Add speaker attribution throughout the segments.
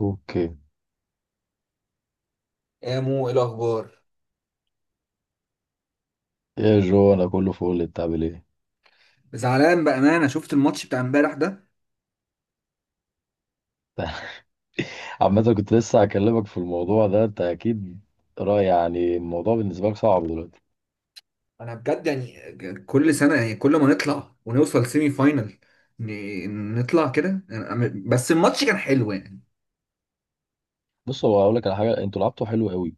Speaker 1: اوكي.
Speaker 2: يا مو ايه الاخبار؟
Speaker 1: يا جو انا كله فول، انت عامل ايه؟
Speaker 2: زعلان بأمانة، شفت الماتش بتاع امبارح ده.
Speaker 1: عامة كنت لسه هكلمك في الموضوع ده. انت اكيد رأي، يعني الموضوع بالنسبة لك صعب دلوقتي.
Speaker 2: انا بجد يعني كل سنة، يعني كل ما نطلع ونوصل سيمي فاينل نطلع كده بس الماتش كان حلو يعني.
Speaker 1: بص، هو هقول لك على حاجة: انتوا لعبتوا حلو قوي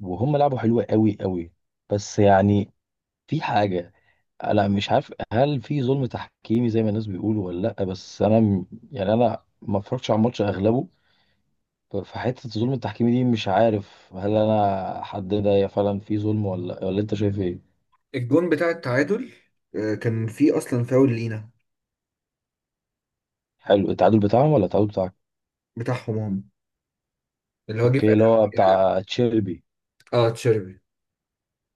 Speaker 1: وهم لعبوا حلو قوي قوي، بس يعني في حاجة. انا مش عارف هل في ظلم تحكيمي زي ما الناس بيقولوا ولا لا، بس انا يعني انا ما اتفرجتش على الماتش اغلبه. فحتة الظلم التحكيمي دي مش عارف هل انا حددها، هي فعلا في ظلم ولا انت شايف ايه؟
Speaker 2: الجون بتاع التعادل كان فيه أصلا فاول لينا.
Speaker 1: حلو التعادل بتاعهم ولا التعادل بتاعك؟
Speaker 2: بتاعهم هم، اللي هو جه في
Speaker 1: اوكي، اللي هو
Speaker 2: آخر.
Speaker 1: بتاع تشيلبي.
Speaker 2: اه تشيربي.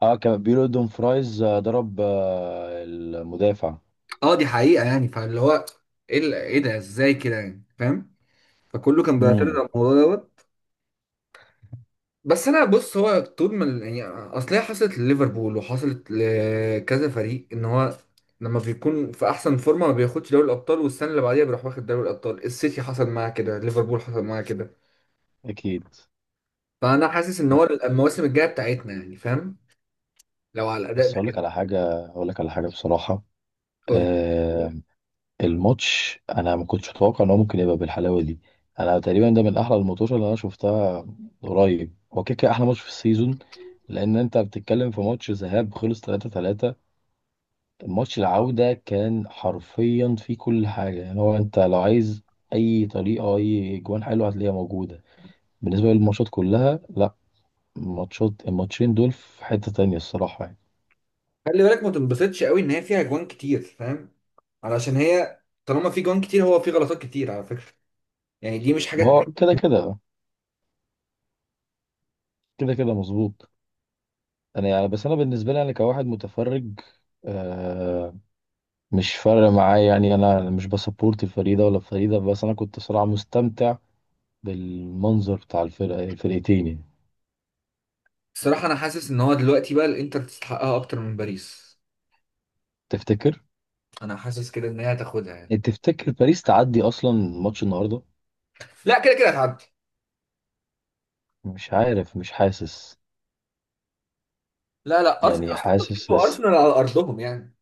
Speaker 1: اه كان بيقولوا دون فرايز ضرب المدافع.
Speaker 2: اه دي حقيقة يعني، فاللي هو ايه إيه ده، ازاي كده يعني، فاهم؟ فكله كان بيعترض
Speaker 1: امم،
Speaker 2: على الموضوع دوت. بس انا بص، هو طول ما يعني اصل هي حصلت لليفربول وحصلت لكذا فريق، ان هو لما بيكون في احسن فورمه ما بياخدش دوري الابطال، والسنه اللي بعديها بيروح واخد دوري الابطال. السيتي حصل معاه كده، ليفربول حصل معاه كده.
Speaker 1: اكيد.
Speaker 2: فانا حاسس ان هو المواسم الجايه بتاعتنا يعني، فاهم؟ لو على
Speaker 1: بس
Speaker 2: الاداء ده
Speaker 1: اقول لك
Speaker 2: كده.
Speaker 1: على حاجه، اقول لك على حاجه بصراحه.
Speaker 2: قول.
Speaker 1: آه. الماتش انا ما كنتش متوقع ان هو ممكن يبقى بالحلاوه دي. انا تقريبا ده من احلى الماتشات اللي انا شفتها. قريب هو كده كده احلى ماتش في السيزون، لان انت بتتكلم في ماتش ذهاب خلص 3-3. ماتش العودة كان حرفيا فيه كل حاجة، يعني هو انت لو عايز اي طريقة، اي جوان حلوة هتلاقيها موجودة. بالنسبة للماتشات كلها لا، ماتشات الماتشين دول في حتة تانية الصراحة يعني.
Speaker 2: خلي بالك ما تنبسطش قوي ان هي فيها جوان كتير، فاهم؟ علشان هي طالما في جوان كتير، هو في غلطات كتير على فكره، يعني دي مش
Speaker 1: ما
Speaker 2: حاجات.
Speaker 1: هو كده كده مظبوط. انا يعني، بس انا بالنسبة لي انا كواحد متفرج آه مش فارق معايا يعني. انا مش بسبورت الفريق ده ولا الفريق ده، بس انا كنت صراحة مستمتع بالمنظر بتاع الفرقتين يعني.
Speaker 2: الصراحه انا حاسس ان هو دلوقتي بقى الانتر تستحقها اكتر من باريس.
Speaker 1: تفتكر؟
Speaker 2: انا حاسس كده ان هي هتاخدها يعني.
Speaker 1: يعني تفتكر باريس تعدي اصلا ماتش النهارده؟
Speaker 2: لا، كده كده هتعدي.
Speaker 1: مش عارف، مش حاسس.
Speaker 2: لا لا، ارسنال
Speaker 1: يعني
Speaker 2: اصلا
Speaker 1: حاسس
Speaker 2: كسبوا
Speaker 1: لسه.
Speaker 2: ارسنال على ارضهم يعني.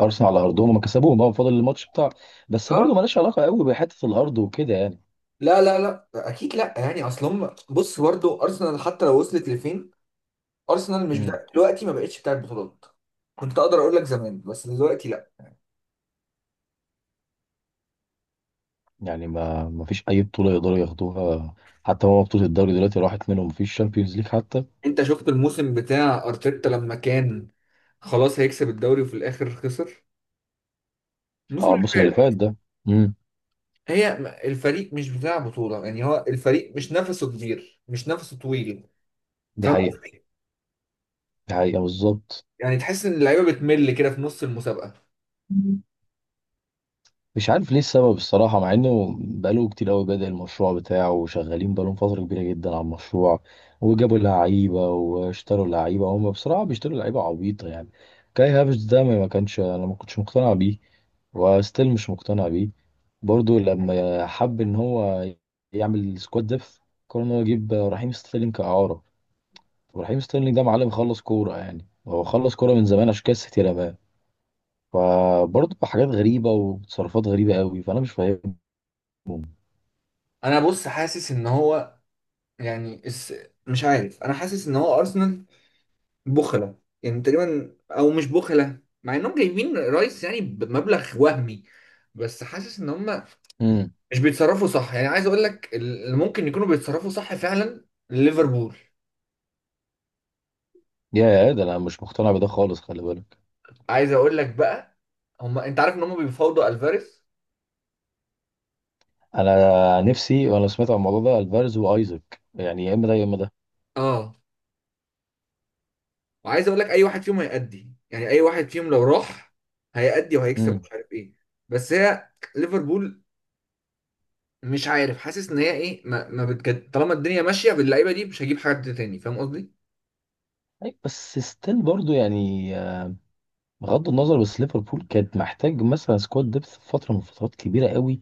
Speaker 1: ارسنال على ارضهم هم كسبوهم اه، فاضل الماتش بتاع. بس
Speaker 2: اه.
Speaker 1: برضه مالهاش علاقه قوي بحته الارض وكده يعني.
Speaker 2: لا لا لا، اكيد لا، يعني اصلهم بص برضه ارسنال حتى لو وصلت لفين، ارسنال مش
Speaker 1: امم.
Speaker 2: بتاع دلوقتي، ما بقتش بتاعت بطولات. كنت اقدر اقول لك زمان، بس دلوقتي لا.
Speaker 1: يعني ما فيش اي بطوله يقدروا ياخدوها. حتى هو بطوله الدوري دلوقتي راحت منهم، ما فيش شامبيونز ليج حتى.
Speaker 2: انت شفت الموسم بتاع ارتيتا لما كان خلاص هيكسب الدوري وفي الاخر خسر، الموسم
Speaker 1: اه
Speaker 2: اللي
Speaker 1: الموسم اللي فات
Speaker 2: فات.
Speaker 1: ده. امم.
Speaker 2: الفريق مش بتاع بطولة، يعني هو الفريق مش نفسه كبير، مش نفسه طويل.
Speaker 1: دي
Speaker 2: فاهم
Speaker 1: حقيقه.
Speaker 2: قصدي؟
Speaker 1: دي حقيقه بالظبط.
Speaker 2: يعني تحس ان اللعيبه بتمل كده في نص المسابقه.
Speaker 1: مش عارف ليه السبب الصراحة، مع انه بقاله كتير قوي بدأ المشروع بتاعه وشغالين بقالهم فترة كبيرة جدا على المشروع، وجابوا لعيبة واشتروا لعيبة. هم بصراحة بيشتروا لعيبة عبيطة يعني. كاي هافرتس ده ما كانش انا ما كنتش مقتنع بيه، وستيل مش مقتنع بيه. برضو لما حب ان هو يعمل سكواد ديف، قرر ان هو يجيب رحيم ستيرلينج كإعارة. ورحيم ستيرلينج ده معلم خلص كورة يعني، هو خلص كورة من زمان، عشان كده السيتي رماه. فبرضه حاجات غريبة وتصرفات غريبة قوي، فأنا مش فاهمهم.
Speaker 2: انا بص حاسس ان هو يعني مش عارف، انا حاسس ان هو ارسنال بخله يعني تقريبا، او مش بخله مع انهم جايبين رايس يعني بمبلغ وهمي، بس حاسس ان هم
Speaker 1: امم.
Speaker 2: مش بيتصرفوا صح. يعني عايز اقول لك اللي ممكن يكونوا بيتصرفوا صح فعلا، ليفربول.
Speaker 1: يا ده انا مش مقتنع بده خالص، خلي بالك.
Speaker 2: عايز اقول لك بقى، هم انت عارف ان هم بيفاوضوا الفاريز.
Speaker 1: انا نفسي وانا سمعت عن الموضوع ده الفارز وايزك، يعني يا اما ده يا اما ده.
Speaker 2: اه. وعايز اقول لك اي واحد فيهم هيأدي، يعني اي واحد فيهم لو راح هيأدي وهيكسب
Speaker 1: امم.
Speaker 2: ومش عارف ايه. بس هي ليفربول مش عارف، حاسس ان هي ايه ما بتجد، طالما الدنيا ماشيه باللعيبه دي مش هجيب حد تاني، فاهم قصدي؟
Speaker 1: أي بس ستيل برضو يعني بغض النظر، بس ليفربول كانت محتاج مثلا سكواد ديبث في فتره من فترات كبيره قوي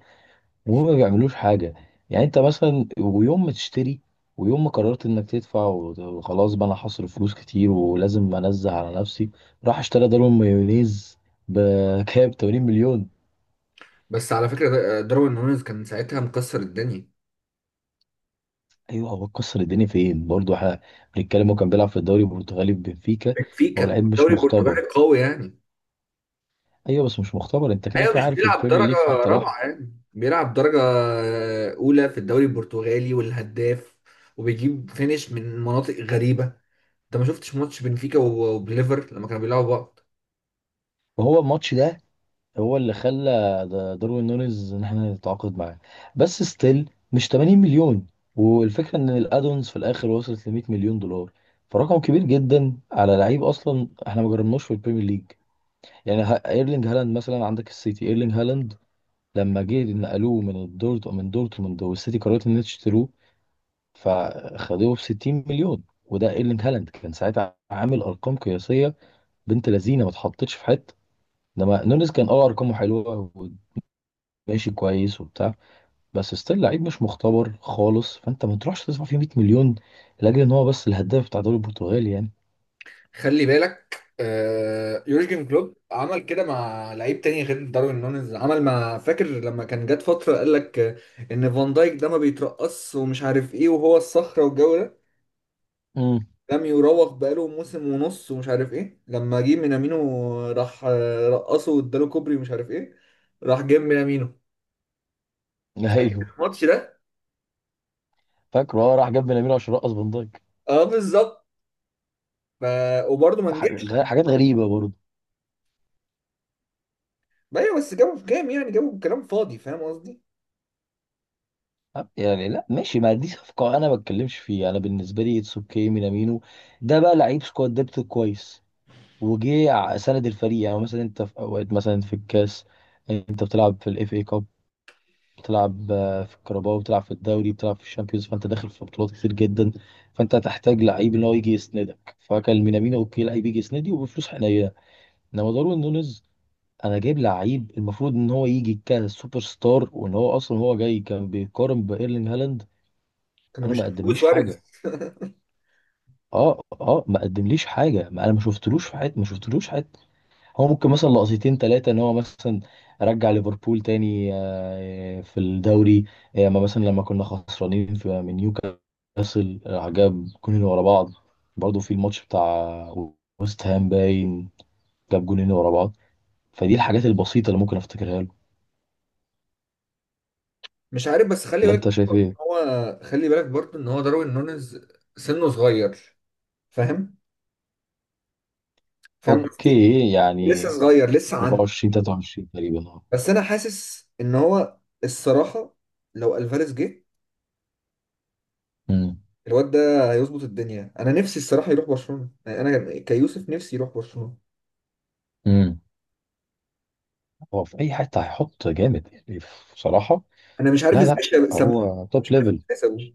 Speaker 1: وهم ما بيعملوش حاجه. يعني انت مثلا، ويوم ما تشتري ويوم ما قررت انك تدفع وخلاص بقى انا هصرف فلوس كتير ولازم انزه على نفسي، راح اشترى دارون مايونيز بكام 80 مليون.
Speaker 2: بس على فكره داروين نونيز كان ساعتها مكسر الدنيا.
Speaker 1: ايوه هو كسر الدنيا فين؟ برضه احنا بنتكلم هو كان بيلعب في الدوري البرتغالي في بنفيكا. هو
Speaker 2: بنفيكا
Speaker 1: لعيب مش
Speaker 2: الدوري
Speaker 1: مختبر.
Speaker 2: البرتغالي قوي يعني.
Speaker 1: ايوه بس مش مختبر، انت كده
Speaker 2: ايوه،
Speaker 1: كده
Speaker 2: مش
Speaker 1: عارف
Speaker 2: بيلعب
Speaker 1: البريمير
Speaker 2: درجه
Speaker 1: ليج في حته لوحده.
Speaker 2: رابعه، يعني بيلعب درجه اولى في الدوري البرتغالي والهداف، وبيجيب فينش من مناطق غريبه. انت ما شفتش ماتش بنفيكا وبليفر لما كانوا بيلعبوا بعض؟
Speaker 1: وهو الماتش ده هو اللي خلى داروين نونيز ان احنا نتعاقد معاه. بس ستيل مش 80 مليون. والفكره ان الادونز في الاخر وصلت ل 100 مليون دولار. فرقم كبير جدا على لعيب اصلا احنا ما جربناش في البريمير ليج. يعني ايرلينج هالاند مثلا عندك السيتي ايرلينج هالاند لما جه نقلوه من الدورت من دورتموند، والسيتي قررت ان هي تشتروه فخدوه ب 60 مليون. وده ايرلينج هالاند كان ساعتها عامل ارقام قياسيه، بنت لذينه ما اتحطتش في حته. انما نونيز كان ارقامه حلوه وماشي كويس وبتاع، بس ستيل لعيب مش مختبر خالص، فانت ما تروحش تدفع فيه 100 مليون لاجل ان هو بس الهداف بتاع الدوري البرتغالي يعني.
Speaker 2: خلي بالك، يورجن كلوب عمل كده مع لعيب تاني غير داروين نونيز. عمل مع، فاكر لما كان جات فترة قال لك ان فان دايك ده ما بيترقص ومش عارف ايه، وهو الصخرة والجو ده،
Speaker 1: امم.
Speaker 2: لم يراوغ بقاله موسم ونص ومش عارف ايه. لما جه مينامينو راح رقصه واداله كوبري ومش عارف ايه، راح جاب مينامينو
Speaker 1: ايوه
Speaker 2: الماتش ده.
Speaker 1: فاكره، اه راح جاب بنامينو عشان رقص فان دايك.
Speaker 2: اه بالظبط. ف... وبرضه ما نجحش.
Speaker 1: حاجات غريبه برضه.
Speaker 2: ايوه، بس جابوا في كام، يعني جابوا بكلام فاضي، فاهم قصدي؟
Speaker 1: أه، يعني لا ماشي، ما دي صفقه انا ما بتكلمش فيها. انا بالنسبه لي اتس اوكي، مينامينو ده بقى لعيب سكواد ديبت كويس، وجه سند الفريق. يعني مثلا انت في اوقات مثلا في الكاس انت بتلعب في الاف اي كاب، بتلعب في الكرباو، بتلعب في الدوري، بتلعب في الشامبيونز، فانت داخل في بطولات كتير جدا، فانت هتحتاج لعيب ان هو يجي يسندك، فكان مينامينو اوكي لعيب يجي يسندي وبفلوس حنينه. انما داروين نونيز، انا جايب لعيب المفروض ان هو يجي كسوبر ستار، وان هو اصلا هو جاي كان بيقارن بايرلينج هالاند.
Speaker 2: كانوا
Speaker 1: انا ما
Speaker 2: بيشوفوا
Speaker 1: قدمليش
Speaker 2: سواريز.
Speaker 1: حاجه. اه ما قدمليش حاجه، ما انا ما شفتلوش في حياتي، ما شفتلوش. هو ممكن مثلا لقطتين ثلاثة ان هو مثلا رجع ليفربول تاني في الدوري. اما مثلا لما كنا خسرانين في من نيوكاسل جاب جونين ورا بعض. برضه في الماتش بتاع ويست هام باين جاب جونين ورا بعض. فدي الحاجات البسيطة اللي ممكن افتكرها له.
Speaker 2: مش عارف، بس خلي
Speaker 1: ولا انت
Speaker 2: بالك،
Speaker 1: شايف ايه؟
Speaker 2: هو خلي بالك برضه ان هو داروين نونيز سنه صغير. فاهم؟ فاهم قصدي؟
Speaker 1: اوكي،
Speaker 2: لسه
Speaker 1: يعني
Speaker 2: صغير، لسه عنده.
Speaker 1: 24 23 تقريبا اه.
Speaker 2: بس انا حاسس ان هو الصراحه لو الفاريز جه،
Speaker 1: امم.
Speaker 2: الواد ده هيظبط الدنيا. انا نفسي الصراحه يروح برشلونه يعني، انا كيوسف نفسي يروح برشلونه.
Speaker 1: امم. هو في اي حتة هيحط جامد يعني، بصراحة.
Speaker 2: انا مش عارف
Speaker 1: لا
Speaker 2: ازاي
Speaker 1: لا،
Speaker 2: سابوه.
Speaker 1: هو توب
Speaker 2: مش عارف
Speaker 1: ليفل.
Speaker 2: ازاي سابوه،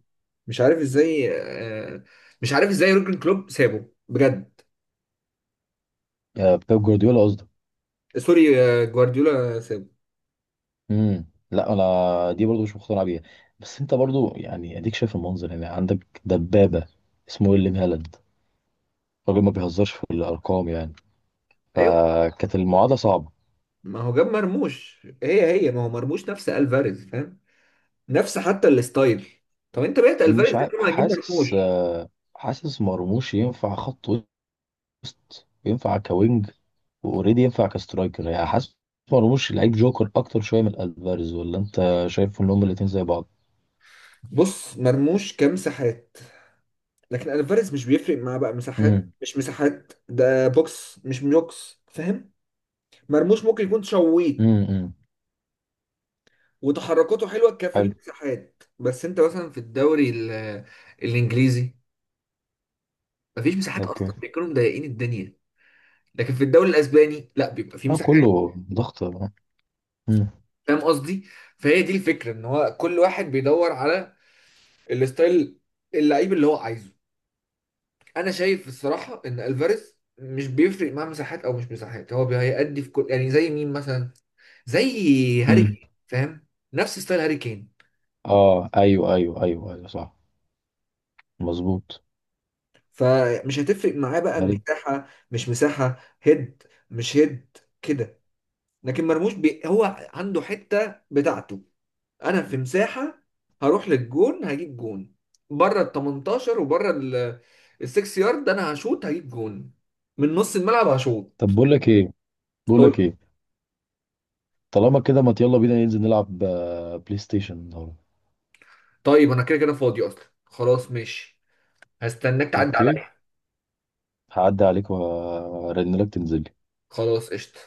Speaker 2: مش عارف ازاي، آه، مش عارف ازاي يورجن كلوب سابه بجد.
Speaker 1: آه، بيب جوارديولا.
Speaker 2: سوري، جوارديولا سابه.
Speaker 1: امم. لا، انا دي برضو مش مقتنع بيها. بس انت برضو يعني اديك شايف المنظر. يعني عندك دبابه اسمه ويليام هالاند، راجل ما بيهزرش في الارقام يعني.
Speaker 2: ايوه.
Speaker 1: فكانت المعادله صعبه.
Speaker 2: ما هو جاب مرموش، هي ما هو مرموش نفس الفاريز، فاهم؟ نفس حتى الستايل. طب انت بقيت
Speaker 1: مش
Speaker 2: الفاريز دي،
Speaker 1: عارف،
Speaker 2: ما هتجيب مرموش.
Speaker 1: حاسس حاسس مرموش ينفع خط وسط، ينفع كوينج، واوريدي ينفع كسترايكر. يعني حاسس مرموش لعيب جوكر اكتر شويه من الفاريز، ولا انت شايف ان هما الاتنين زي بعض؟
Speaker 2: بص، مرموش كمساحات، لكن الفاريز مش بيفرق معاه بقى
Speaker 1: امم.
Speaker 2: مساحات مش مساحات، ده بوكس مش بوكس، فاهم؟ مرموش ممكن يكون شويت
Speaker 1: امم.
Speaker 2: وتحركاته حلوه كفي
Speaker 1: حلو.
Speaker 2: المساحات، بس انت مثلا في الدوري الانجليزي مفيش مساحات
Speaker 1: اوكي.
Speaker 2: اصلا، بيكونوا مضايقين الدنيا. لكن في الدوري الاسباني لا، بيبقى في
Speaker 1: اه
Speaker 2: مساحات.
Speaker 1: كله ضغط.
Speaker 2: فاهم قصدي؟ فهي دي الفكره ان هو كل واحد بيدور على الستايل اللعيب اللي هو عايزه. انا شايف الصراحه ان الفاريز مش بيفرق معاه مساحات او مش مساحات، هو هيأدي في كل، يعني زي مين مثلا، زي هاري
Speaker 1: امم.
Speaker 2: كين، فاهم؟ نفس ستايل هاري كين.
Speaker 1: اه ايوه ايوه ايوه ايوه، صح، مظبوط
Speaker 2: فمش هتفرق معاه بقى
Speaker 1: عليك.
Speaker 2: مساحه مش مساحه، هيد مش هيد كده. لكن مرموش هو عنده حته بتاعته. انا في مساحه هروح للجون، هجيب جون بره ال 18 وبره ال 6 يارد، انا هشوط هجيب جون، من نص الملعب هشوط.
Speaker 1: طب بقول لك ايه، بقول
Speaker 2: اقول.
Speaker 1: لك ايه، طالما كده ما يلا بينا ننزل نلعب بلاي ستيشن النهارده.
Speaker 2: طيب انا كده كده فاضي اصلا، خلاص ماشي، هستناك تعدي
Speaker 1: اوكي،
Speaker 2: عليا.
Speaker 1: هعدي عليك وارن لك تنزل.
Speaker 2: خلاص قشطه.